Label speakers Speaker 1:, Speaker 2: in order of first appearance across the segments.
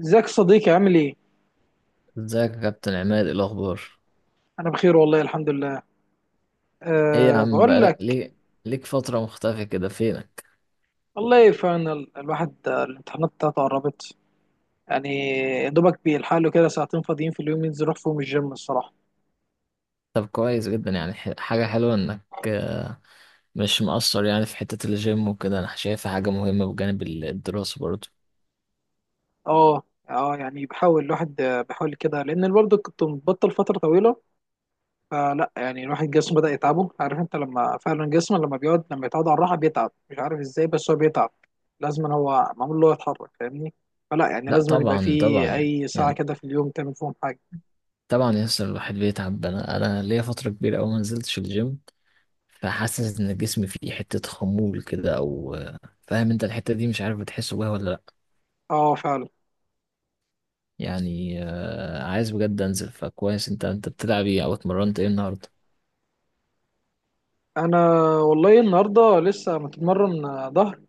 Speaker 1: ازيك يا صديقي، عامل ايه؟
Speaker 2: ازيك يا كابتن عماد؟ ايه الاخبار؟
Speaker 1: انا بخير والله، الحمد لله.
Speaker 2: ايه يا
Speaker 1: أه،
Speaker 2: عم؟
Speaker 1: بقول
Speaker 2: بقالك
Speaker 1: لك،
Speaker 2: ليه ليك فترة مختفي كده؟ فينك؟
Speaker 1: والله فاينل الواحد، الامتحانات بتاعته قربت يعني. يا دوبك بيلحق له كده ساعتين فاضيين في اليوم، ينزل يروح فيهم الجيم الصراحه.
Speaker 2: طب كويس جدا، يعني حاجة حلوة انك مش مقصر يعني في حتة الجيم وكده. انا شايفها حاجة مهمة بجانب الدراسة برضه.
Speaker 1: اه. اه يعني بحاول الواحد، بحاول كده، لان برضه كنت مبطل فتره طويله. فلا يعني الواحد جسمه بدأ يتعبه، عارف انت لما فعلا جسمه لما بيقعد، لما يتعود على الراحه بيتعب، مش عارف ازاي، بس هو بيتعب. لازم هو معمول له يتحرك، فاهمني؟ فلا يعني
Speaker 2: لا
Speaker 1: لازم يبقى
Speaker 2: طبعا
Speaker 1: فيه
Speaker 2: طبعا،
Speaker 1: اي ساعه
Speaker 2: يعني
Speaker 1: كده في اليوم تعمل فيهم حاجه.
Speaker 2: طبعا يسر الواحد بيتعب. انا ليا فترة كبيرة اوي ما نزلتش الجيم. فحاسس ان جسمي فيه حتة خمول كده او فاهم انت الحتة دي؟ مش عارف، بتحس بيها ولا لا؟
Speaker 1: اه فعلا.
Speaker 2: يعني عايز بجد انزل. فكويس، انت بتلعب ايه او اتمرنت ايه النهاردة؟
Speaker 1: انا والله النهارده لسه متمرن، ظهر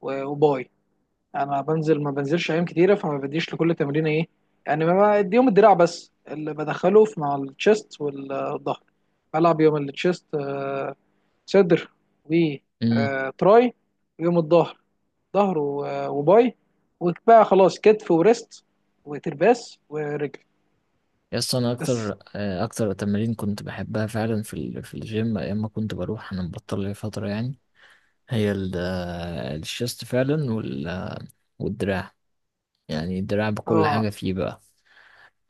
Speaker 1: وباي. انا بنزل ما بنزلش ايام كتيره، فما بديش لكل تمرين ايه، يعني ما بديهم الدراع، بس اللي بدخله في مع التشيست والظهر. بلعب يوم التشيست صدر
Speaker 2: امم.
Speaker 1: وتراي، ويوم الظهر ظهر وباي، وبقى خلاص كتف وريست وترباس ورجل.
Speaker 2: يس، انا
Speaker 1: بس.
Speaker 2: اكتر تمارين كنت بحبها فعلا في الجيم ايام ما كنت بروح. انا مبطل لي فتره يعني. هي الشيست فعلا والدراع. يعني الدراع بكل
Speaker 1: اه.
Speaker 2: حاجه فيه بقى.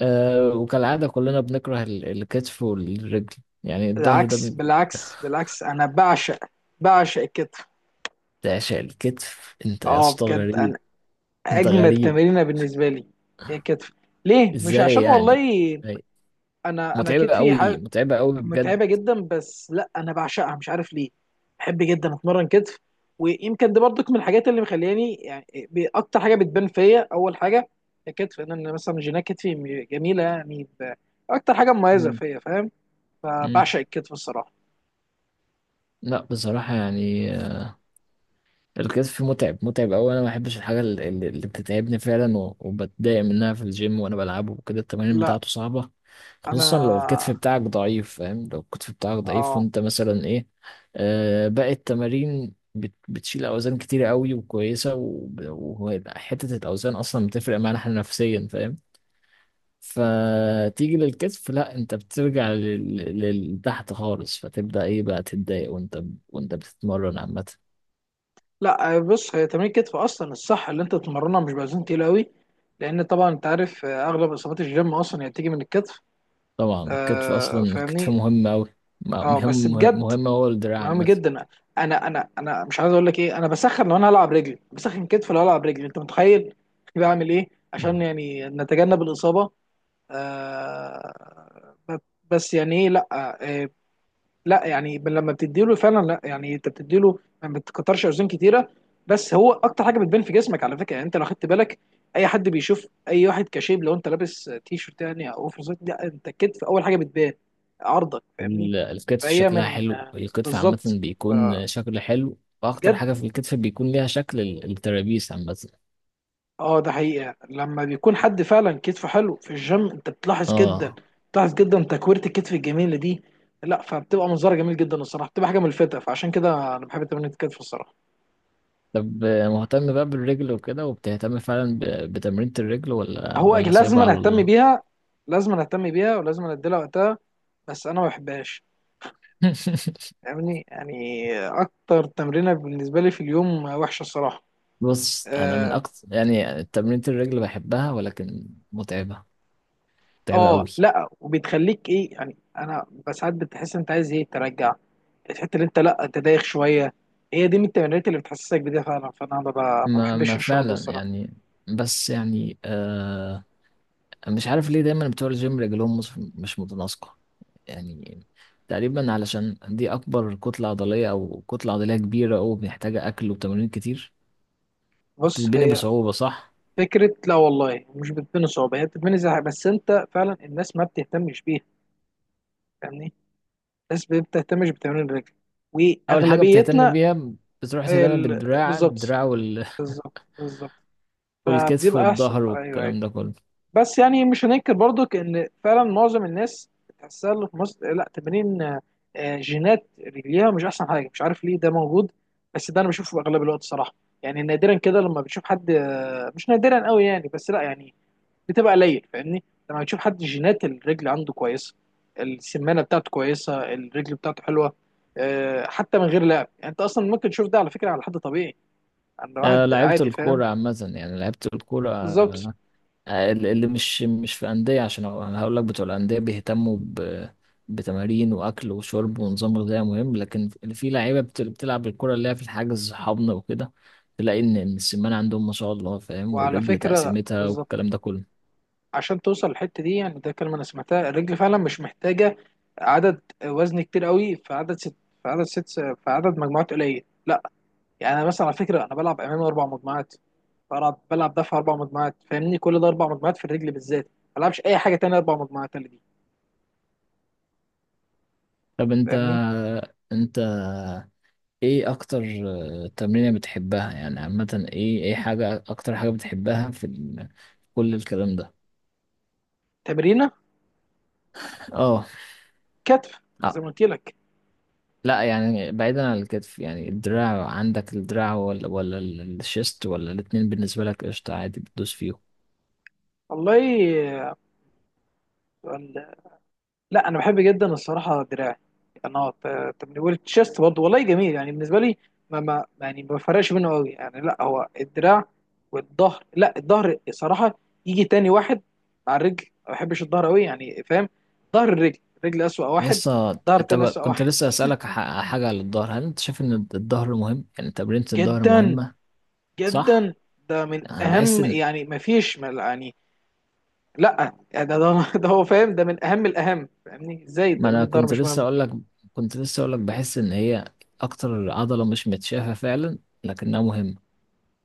Speaker 2: أه، وكالعاده كلنا بنكره الكتف والرجل. يعني الظهر ده
Speaker 1: بالعكس، بالعكس، بالعكس، انا بعشق الكتف.
Speaker 2: تعشق الكتف انت يا
Speaker 1: اه،
Speaker 2: اسطى؟ غريب.
Speaker 1: بجد.
Speaker 2: انت
Speaker 1: اجمد
Speaker 2: غريب.
Speaker 1: تمرينه بالنسبه لي هي الكتف. ليه؟ مش
Speaker 2: ازاي
Speaker 1: عشان
Speaker 2: يعني؟
Speaker 1: والله
Speaker 2: أي.
Speaker 1: انا
Speaker 2: متعبه
Speaker 1: كتفي
Speaker 2: قوي، متعبه قوي بجد.
Speaker 1: متعبه جدا، بس لا انا بعشقها مش عارف ليه. بحب جدا اتمرن كتف. ويمكن دي برضك من الحاجات اللي مخلياني يعني، اكتر حاجه بتبان فيا اول حاجه الكتف. انا مثلا جينات كتفي جميله يعني، اكتر حاجه مميزه
Speaker 2: مم.
Speaker 1: فيا فاهم.
Speaker 2: مم.
Speaker 1: فبعشق الكتف الصراحه.
Speaker 2: لا، بصراحه يعني، الكتف متعب، متعب أوي. أنا ما بحبش الحاجة اللي بتتعبني فعلا وبتضايق منها في الجيم وأنا بلعبه وكده، التمارين
Speaker 1: لا
Speaker 2: بتاعته صعبة.
Speaker 1: انا.
Speaker 2: خصوصا لو الكتف بتاعك ضعيف، فاهم؟ لو الكتف بتاعك ضعيف
Speaker 1: اه.
Speaker 2: وأنت مثلا إيه. باقي التمارين بتشيل أوزان كتيرة أوي وكويسة، وحتة الأوزان أصلا بتفرق معانا إحنا نفسيا، فاهم؟ فتيجي للكتف، لا، انت بترجع لتحت خالص، فتبدأ ايه بقى تتضايق. وانت بتتمرن عامة.
Speaker 1: لا آه، بص، هي تمرين الكتف اصلا الصح اللي انت تتمرنها مش باوزان تقيله قوي، لان طبعا انت عارف، اغلب اصابات الجيم اصلا هي بتيجي من الكتف.
Speaker 2: طبعا الكتف اصلا
Speaker 1: آه،
Speaker 2: الكتف
Speaker 1: فاهمني.
Speaker 2: مهم اوي.
Speaker 1: اه بس
Speaker 2: مهم،
Speaker 1: بجد،
Speaker 2: مهم هو الدراع
Speaker 1: مهم
Speaker 2: عامه.
Speaker 1: جدا. انا مش عايز اقول لك ايه، انا بسخن لو انا هلعب رجلي، بسخن كتف لو هلعب رجلي، انت متخيل؟ بعمل ايه عشان يعني نتجنب الاصابه. آه. بس يعني ايه، لا. آه، لا يعني لما بتديله فعلا، لا يعني انت بتديله، ما بتكترش اوزان كتيره. بس هو اكتر حاجه بتبان في جسمك على فكره، يعني انت لو خدت بالك، اي حد بيشوف اي واحد كشيب، لو انت لابس تي شيرت يعني، او اوفر سايز، لا انت الكتف اول حاجه بتبان، عرضك فاهمني.
Speaker 2: الكتف
Speaker 1: فهي
Speaker 2: شكلها
Speaker 1: من،
Speaker 2: حلو، الكتف عامه
Speaker 1: بالظبط.
Speaker 2: بيكون شكل حلو، واكتر
Speaker 1: فبجد.
Speaker 2: حاجه في الكتف بيكون ليها شكل الترابيس عامه.
Speaker 1: اه، ده حقيقه لما بيكون حد فعلا كتفه حلو في الجيم انت بتلاحظ جدا.
Speaker 2: اه.
Speaker 1: بتلاحظ جدا تكويره الكتف الجميله دي. لا، فبتبقى منظره جميل جدا الصراحه، بتبقى حاجه ملفته، فعشان كده انا بحب تمرين الكتف الصراحه.
Speaker 2: طب مهتم بقى بالرجل وكده، وبتهتم فعلا بتمرينة الرجل ولا
Speaker 1: هو
Speaker 2: ولا
Speaker 1: لازم
Speaker 2: سايبها
Speaker 1: أنا
Speaker 2: على
Speaker 1: اهتم
Speaker 2: الله؟
Speaker 1: بيها، لازم أنا اهتم بيها ولازم أنا اديلها وقتها، بس انا ما بحبهاش فاهمني. يعني اكتر تمرينه بالنسبه لي في اليوم وحشه الصراحه.
Speaker 2: بص، انا من
Speaker 1: اه.
Speaker 2: اكتر يعني تمرينة الرجل بحبها، ولكن متعبة. متعبة قوي.
Speaker 1: لا وبتخليك ايه يعني، انا بس ساعات بتحس انت عايز ايه ترجع الحته اللي انت، لا انت دايخ شويه، هي دي من التمرينات اللي بتحسسك بده فعلا، فانا ما
Speaker 2: ما
Speaker 1: بحبش
Speaker 2: ما
Speaker 1: الشعور ده
Speaker 2: فعلا
Speaker 1: الصراحه.
Speaker 2: يعني. بس يعني مش عارف ليه دايما بتوع الجيم رجلهم مش متناسقة. يعني، تقريبا علشان دي أكبر كتلة عضلية، أو كتلة عضلية كبيرة، أو محتاجة أكل وتمارين كتير.
Speaker 1: بص
Speaker 2: وبتتبني
Speaker 1: هي
Speaker 2: بصعوبة، صح؟
Speaker 1: فكره، لا والله مش بتبني صعوبه، هي بتبني زهق، بس انت فعلا الناس ما بتهتمش بيها فاهمني. الناس بتهتمش بتمرين الرجل
Speaker 2: أول حاجة بتهتم
Speaker 1: واغلبيتنا.
Speaker 2: بيها بتروح تهتم بالدراع
Speaker 1: بالظبط،
Speaker 2: الدراع
Speaker 1: بالظبط، بالظبط،
Speaker 2: والكتف
Speaker 1: فبتبقى احسن.
Speaker 2: والظهر
Speaker 1: ايوه، ايوه.
Speaker 2: والكلام ده كله.
Speaker 1: بس يعني مش هننكر برضك ان فعلا معظم الناس تحسها اللي في مصر لا تمارين، جينات رجليها مش احسن حاجه مش عارف ليه ده موجود، بس ده انا بشوفه اغلب الوقت صراحه. يعني نادرا كده لما بتشوف حد، مش نادرا قوي يعني، بس لا يعني بتبقى قليل فاهمني، لما بتشوف حد جينات الرجل عنده كويسه، السمانه بتاعته كويسه، الرجل بتاعته حلوه، حتى من غير لعب، يعني انت اصلا ممكن تشوف ده على فكره على حد طبيعي، عند واحد
Speaker 2: أه، لعبت
Speaker 1: عادي فاهم.
Speaker 2: الكورة عامة يعني، لعبت الكورة.
Speaker 1: بالظبط.
Speaker 2: اللي مش في أندية، عشان أنا هقول لك بتوع الأندية بيهتموا بتمارين وأكل وشرب ونظام غذائي مهم، لكن اللي في لعيبة بتلعب الكرة اللي هي في الحجز حضن وكده، تلاقي إن السمان عندهم ما شاء الله، فاهم؟
Speaker 1: وعلى
Speaker 2: والرجل
Speaker 1: فكره،
Speaker 2: تقسيمتها
Speaker 1: بالظبط.
Speaker 2: والكلام ده كله.
Speaker 1: عشان توصل للحته دي يعني ده كلمه انا سمعتها، الرجل فعلا مش محتاجه عدد وزن كتير قوي، في عدد مجموعات قليل. يعني انا مثلا على فكره انا بلعب امامي 4 مجموعات، بلعب دفع 4 مجموعات فاهمني. كل ده 4 مجموعات في الرجل بالذات، ما بلعبش اي حاجه تانية 4 مجموعات اللي دي،
Speaker 2: طب، أنت
Speaker 1: فاهمني.
Speaker 2: أنت إيه أكتر تمرينة بتحبها يعني عامة؟ إيه حاجة، أكتر حاجة بتحبها في كل الكلام ده؟
Speaker 1: تمرينه
Speaker 2: آه.
Speaker 1: كتف زي ما قلت لك.
Speaker 2: لا، يعني بعيدا عن الكتف، يعني الدراع عندك، الدراع ولا الشيست، ولا الاتنين بالنسبة لك قشطة عادي بتدوس فيهم؟
Speaker 1: والله لا، انا بحب جدا الصراحه دراعي. انا تمرين والتشيست برضه والله جميل يعني بالنسبه لي، ما يعني ما بفرقش منه قوي يعني، لا هو الدراع والظهر. لا، الظهر صراحه يجي تاني واحد مع الرجل، ما بحبش الظهر قوي يعني فاهم. ظهر، الرجل الرجل اسوأ واحد،
Speaker 2: يسا،
Speaker 1: ظهر تاني اسوأ
Speaker 2: كنت
Speaker 1: واحد
Speaker 2: لسه أسألك حاجة على الظهر. هل انت شايف ان الظهر مهم؟ يعني تمرينة الظهر
Speaker 1: جدا
Speaker 2: مهمة. صح.
Speaker 1: جدا. ده من
Speaker 2: انا بحس
Speaker 1: اهم
Speaker 2: ان،
Speaker 1: يعني، ما فيش ما يعني، لا يعني ده ده هو فاهم، ده من اهم الاهم فاهمني، ازاي
Speaker 2: ما
Speaker 1: ده من
Speaker 2: انا
Speaker 1: الظهر
Speaker 2: كنت
Speaker 1: مش
Speaker 2: لسه
Speaker 1: مهم.
Speaker 2: اقول لك كنت لسه اقول لك بحس ان هي اكتر عضلة مش متشافة فعلا، لكنها مهمة.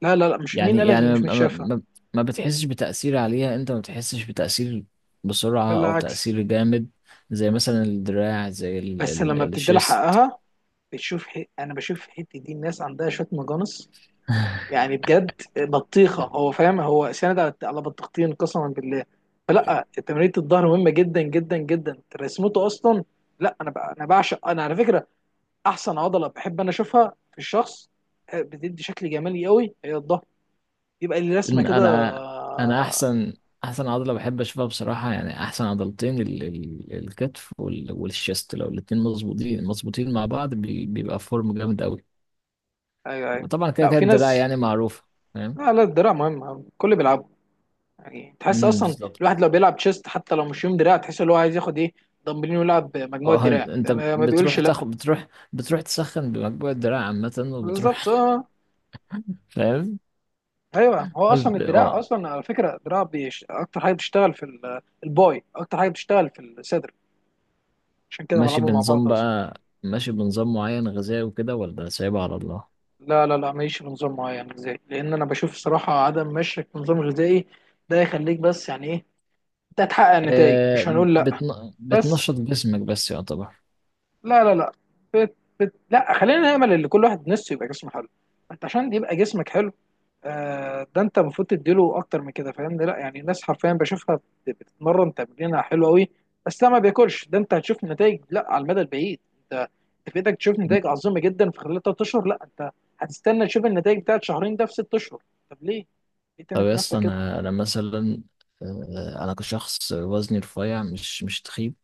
Speaker 1: لا لا لا، مش مين
Speaker 2: يعني
Speaker 1: قالك اللي
Speaker 2: يعني
Speaker 1: مش
Speaker 2: ما, ما,
Speaker 1: متشافه،
Speaker 2: ما ما بتحسش بتأثير عليها، انت ما بتحسش بتأثير بسرعة او
Speaker 1: بالعكس،
Speaker 2: تأثير جامد. زي مثلا الدراع، زي ال
Speaker 1: بس لما
Speaker 2: ال
Speaker 1: بتدي لها
Speaker 2: الشيست.
Speaker 1: حقها بتشوف انا بشوف الحته دي الناس عندها شويه مجانس يعني، بجد بطيخه هو فاهم، هو سند على على بطيختين قسما بالله. فلا تمرينة الظهر مهمه جدا جدا جدا، رسمته اصلا. لا انا انا بعشق، انا على فكره احسن عضله بحب انا اشوفها في الشخص، بتدي شكل جمالي قوي هي الظهر، يبقى اللي رسمه
Speaker 2: إن
Speaker 1: كده،
Speaker 2: انا احسن عضلة بحب اشوفها بصراحة. يعني احسن عضلتين ال ال الكتف والشيست، لو الاتنين مظبوطين، مظبوطين مع بعض بيبقى فورم جامد قوي.
Speaker 1: ايوه ايوه.
Speaker 2: وطبعا كده
Speaker 1: لا،
Speaker 2: كده
Speaker 1: في
Speaker 2: الدراع
Speaker 1: ناس.
Speaker 2: يعني معروفة، فاهم؟
Speaker 1: لا لا، الدراع مهم كل بيلعبها يعني، تحس
Speaker 2: امم،
Speaker 1: اصلا
Speaker 2: بالظبط.
Speaker 1: الواحد لو بيلعب تشيست حتى لو مش يوم دراع تحس ان هو عايز ياخد ايه، دمبلين ويلعب مجموعه
Speaker 2: اه،
Speaker 1: دراع،
Speaker 2: انت
Speaker 1: ما
Speaker 2: بتروح
Speaker 1: بيقولش لا.
Speaker 2: تاخد، بتروح تسخن بمجموع الدراع عامة
Speaker 1: بالظبط
Speaker 2: وبتروح،
Speaker 1: اه.
Speaker 2: فاهم؟
Speaker 1: ايوه، هو اصلا
Speaker 2: طب،
Speaker 1: الدراع اصلا على فكره الدراع اكتر حاجه بتشتغل في الباي، اكتر حاجه بتشتغل في الصدر، عشان كده
Speaker 2: ماشي
Speaker 1: بلعبه مع بعض
Speaker 2: بنظام
Speaker 1: اصلا.
Speaker 2: بقى، ماشي بنظام معين غذائي وكده، ولا سايبها على الله؟
Speaker 1: لا لا لا، ماليش في نظام معين. ازاي؟ لان انا بشوف الصراحه عدم مشيك في نظام غذائي ده يخليك، بس يعني ايه، انت هتحقق نتائج مش
Speaker 2: آه.
Speaker 1: هنقول لا، بس.
Speaker 2: بتنشط جسمك بس، يعتبر.
Speaker 1: لا لا لا. فت. فت. لا خلينا نأمل ان كل واحد نفسه يبقى جسمه حلو. انت عشان يبقى جسمك حلو، آه، ده انت المفروض تديله اكتر من كده فاهمني. لا يعني الناس حرفيا بشوفها بتتمرن تمرينها حلو قوي، بس ده ما بياكلش، ده انت هتشوف نتائج لا على المدى البعيد، انت انت في ايدك تشوف
Speaker 2: مم.
Speaker 1: نتائج عظيمه جدا في خلال 3 اشهر، لا انت هتستنى تشوف النتائج بتاعت شهرين ده في 6 اشهر. طب ليه؟ ليه
Speaker 2: طب
Speaker 1: تعمل
Speaker 2: يا
Speaker 1: في
Speaker 2: اسطى،
Speaker 1: نفسك كده؟
Speaker 2: انا مثلا انا كشخص، وزني رفيع مش تخيب.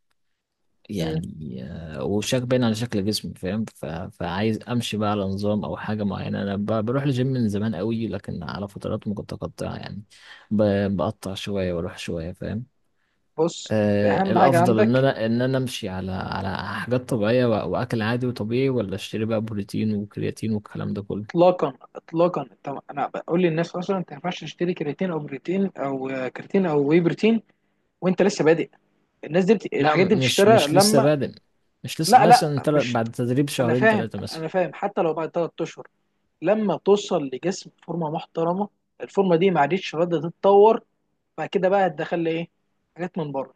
Speaker 1: مم.
Speaker 2: يعني وشك باين على شكل جسمي، فاهم؟ فعايز امشي بقى على نظام او حاجه معينه. انا بروح الجيم من زمان قوي، لكن على فترات متقطعه يعني. ب... بقطع شويه واروح شويه، فاهم؟
Speaker 1: بص انت اهم حاجه
Speaker 2: الافضل ان
Speaker 1: عندك.
Speaker 2: انا ان انا امشي على حاجات طبيعيه، واكل عادي وطبيعي، ولا اشتري بقى بروتين وكرياتين والكلام ده كله؟
Speaker 1: اطلاقا، اطلاقا، انت، انا بقول للناس اصلا انت ما ينفعش تشتري كرياتين او بروتين او، آه، كرياتين او واي بروتين وانت لسه بادئ. الناس دي
Speaker 2: لا،
Speaker 1: الحاجات دي
Speaker 2: مش
Speaker 1: بتشترى
Speaker 2: مش لسه
Speaker 1: لما،
Speaker 2: بادئ. مش لسه،
Speaker 1: لا لا،
Speaker 2: مثلا
Speaker 1: مش.
Speaker 2: بعد تدريب
Speaker 1: انا
Speaker 2: شهرين
Speaker 1: فاهم،
Speaker 2: ثلاثه مثلا.
Speaker 1: انا فاهم، حتى لو بعد 3 اشهر لما توصل لجسم فورمه محترمه، الفورمه دي ما عادتش راضيه تتطور، بعد كده بقى هتدخل لي ايه؟ حاجات من بره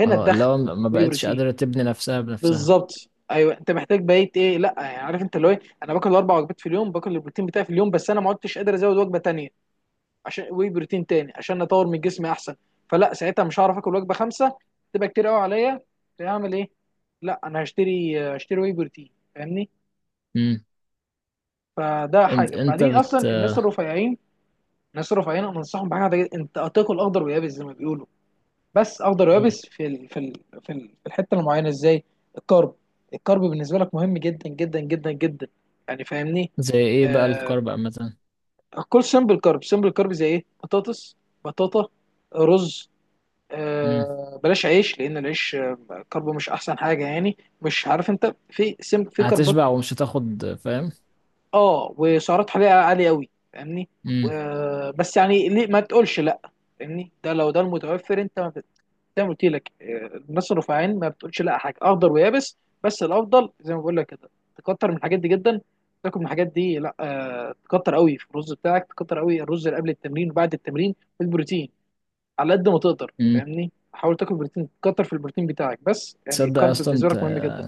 Speaker 1: هنا
Speaker 2: اه،
Speaker 1: تدخل،
Speaker 2: لو ما
Speaker 1: واي
Speaker 2: بقتش
Speaker 1: بروتين،
Speaker 2: قادره تبني نفسها بنفسها.
Speaker 1: بالظبط. ايوه انت محتاج بقيت ايه، إيه، لا يعني عارف انت اللي هو ايه، انا باكل 4 وجبات في اليوم، باكل البروتين بتاعي في اليوم، بس انا ما عدتش قادر ازود وجبه تانيه عشان واي بروتين تاني عشان اطور من جسمي احسن، فلا ساعتها مش هعرف اكل وجبه خمسه، تبقى كتير قوي عليا، فاعمل ايه؟ لا انا هشتري، هشتري واي بروتين فاهمني.
Speaker 2: امم.
Speaker 1: فده
Speaker 2: انت
Speaker 1: حاجه.
Speaker 2: انت
Speaker 1: بعدين
Speaker 2: بت
Speaker 1: اصلا الناس
Speaker 2: آه،
Speaker 1: الرفيعين، الناس الرفيعين انا انصحهم بحاجه، انت هتاكل اخضر ويابس زي ما بيقولوا، بس اخضر
Speaker 2: مم.
Speaker 1: ويابس في الحته المعينه. ازاي؟ الكارب. الكارب بالنسبه لك مهم جدا جدا جدا جدا يعني فاهمني.
Speaker 2: زي ايه بقى
Speaker 1: آه...
Speaker 2: الكارب عامه؟
Speaker 1: كل سمبل كارب، سمبل كارب زي ايه، بطاطس، بطاطا، رز،
Speaker 2: امم.
Speaker 1: بلاش عيش لان العيش، كربه مش احسن حاجه، يعني مش عارف انت في سم في كربات.
Speaker 2: هتشبع ومش هتاخد، فاهم؟
Speaker 1: اه، وسعرات حراريه عاليه قوي فاهمني.
Speaker 2: امم.
Speaker 1: بس يعني ليه ما تقولش لا فاهمني، ده لو ده المتوفر انت ما بت- زي ما قلت لك، الناس الرفيعين ما بتقولش لا حاجه اخضر ويابس، بس الافضل زي ما بقول لك كده، تكتر من الحاجات دي جدا، تاكل من الحاجات دي لا، تكتر قوي في الرز بتاعك، تكتر قوي الرز اللي قبل التمرين وبعد التمرين والبروتين على قد ما تقدر
Speaker 2: امم.
Speaker 1: فاهمني، حاول تاكل بروتين، كتر في البروتين بتاعك، بس يعني
Speaker 2: تصدق
Speaker 1: الكارب
Speaker 2: اصلا،
Speaker 1: بالنسبه لك مهم جدا.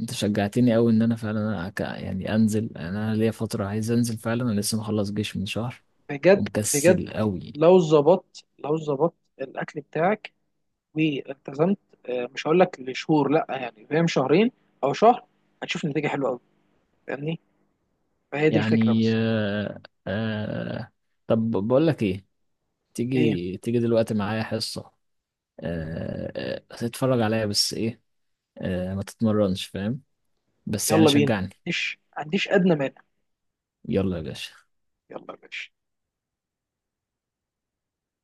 Speaker 2: انت شجعتني قوي ان انا فعلا يعني انزل. يعني انا ليا فتره عايز انزل فعلا. انا لسه مخلص جيش من شهر،
Speaker 1: بجد.
Speaker 2: ومكسل
Speaker 1: بجد.
Speaker 2: قوي.
Speaker 1: لو ظبطت، لو ظبطت الاكل بتاعك والتزمت، مش هقول لك لشهور لا يعني فاهم، شهرين او شهر، هتشوف نتيجه حلوه قوي فاهمني. فهي دي الفكره
Speaker 2: يعني
Speaker 1: بس.
Speaker 2: طب، بقول لك ايه؟
Speaker 1: ايه.
Speaker 2: تيجي تيجي دلوقتي معايا حصه؟ آه... تتفرج عليا، بس ايه، ما تتمرنش، فاهم؟ بس يعني
Speaker 1: يلا بينا،
Speaker 2: شجعني.
Speaker 1: مش عنديش ادنى مانع.
Speaker 2: يلا يا باشا!
Speaker 1: يلا يا باشا.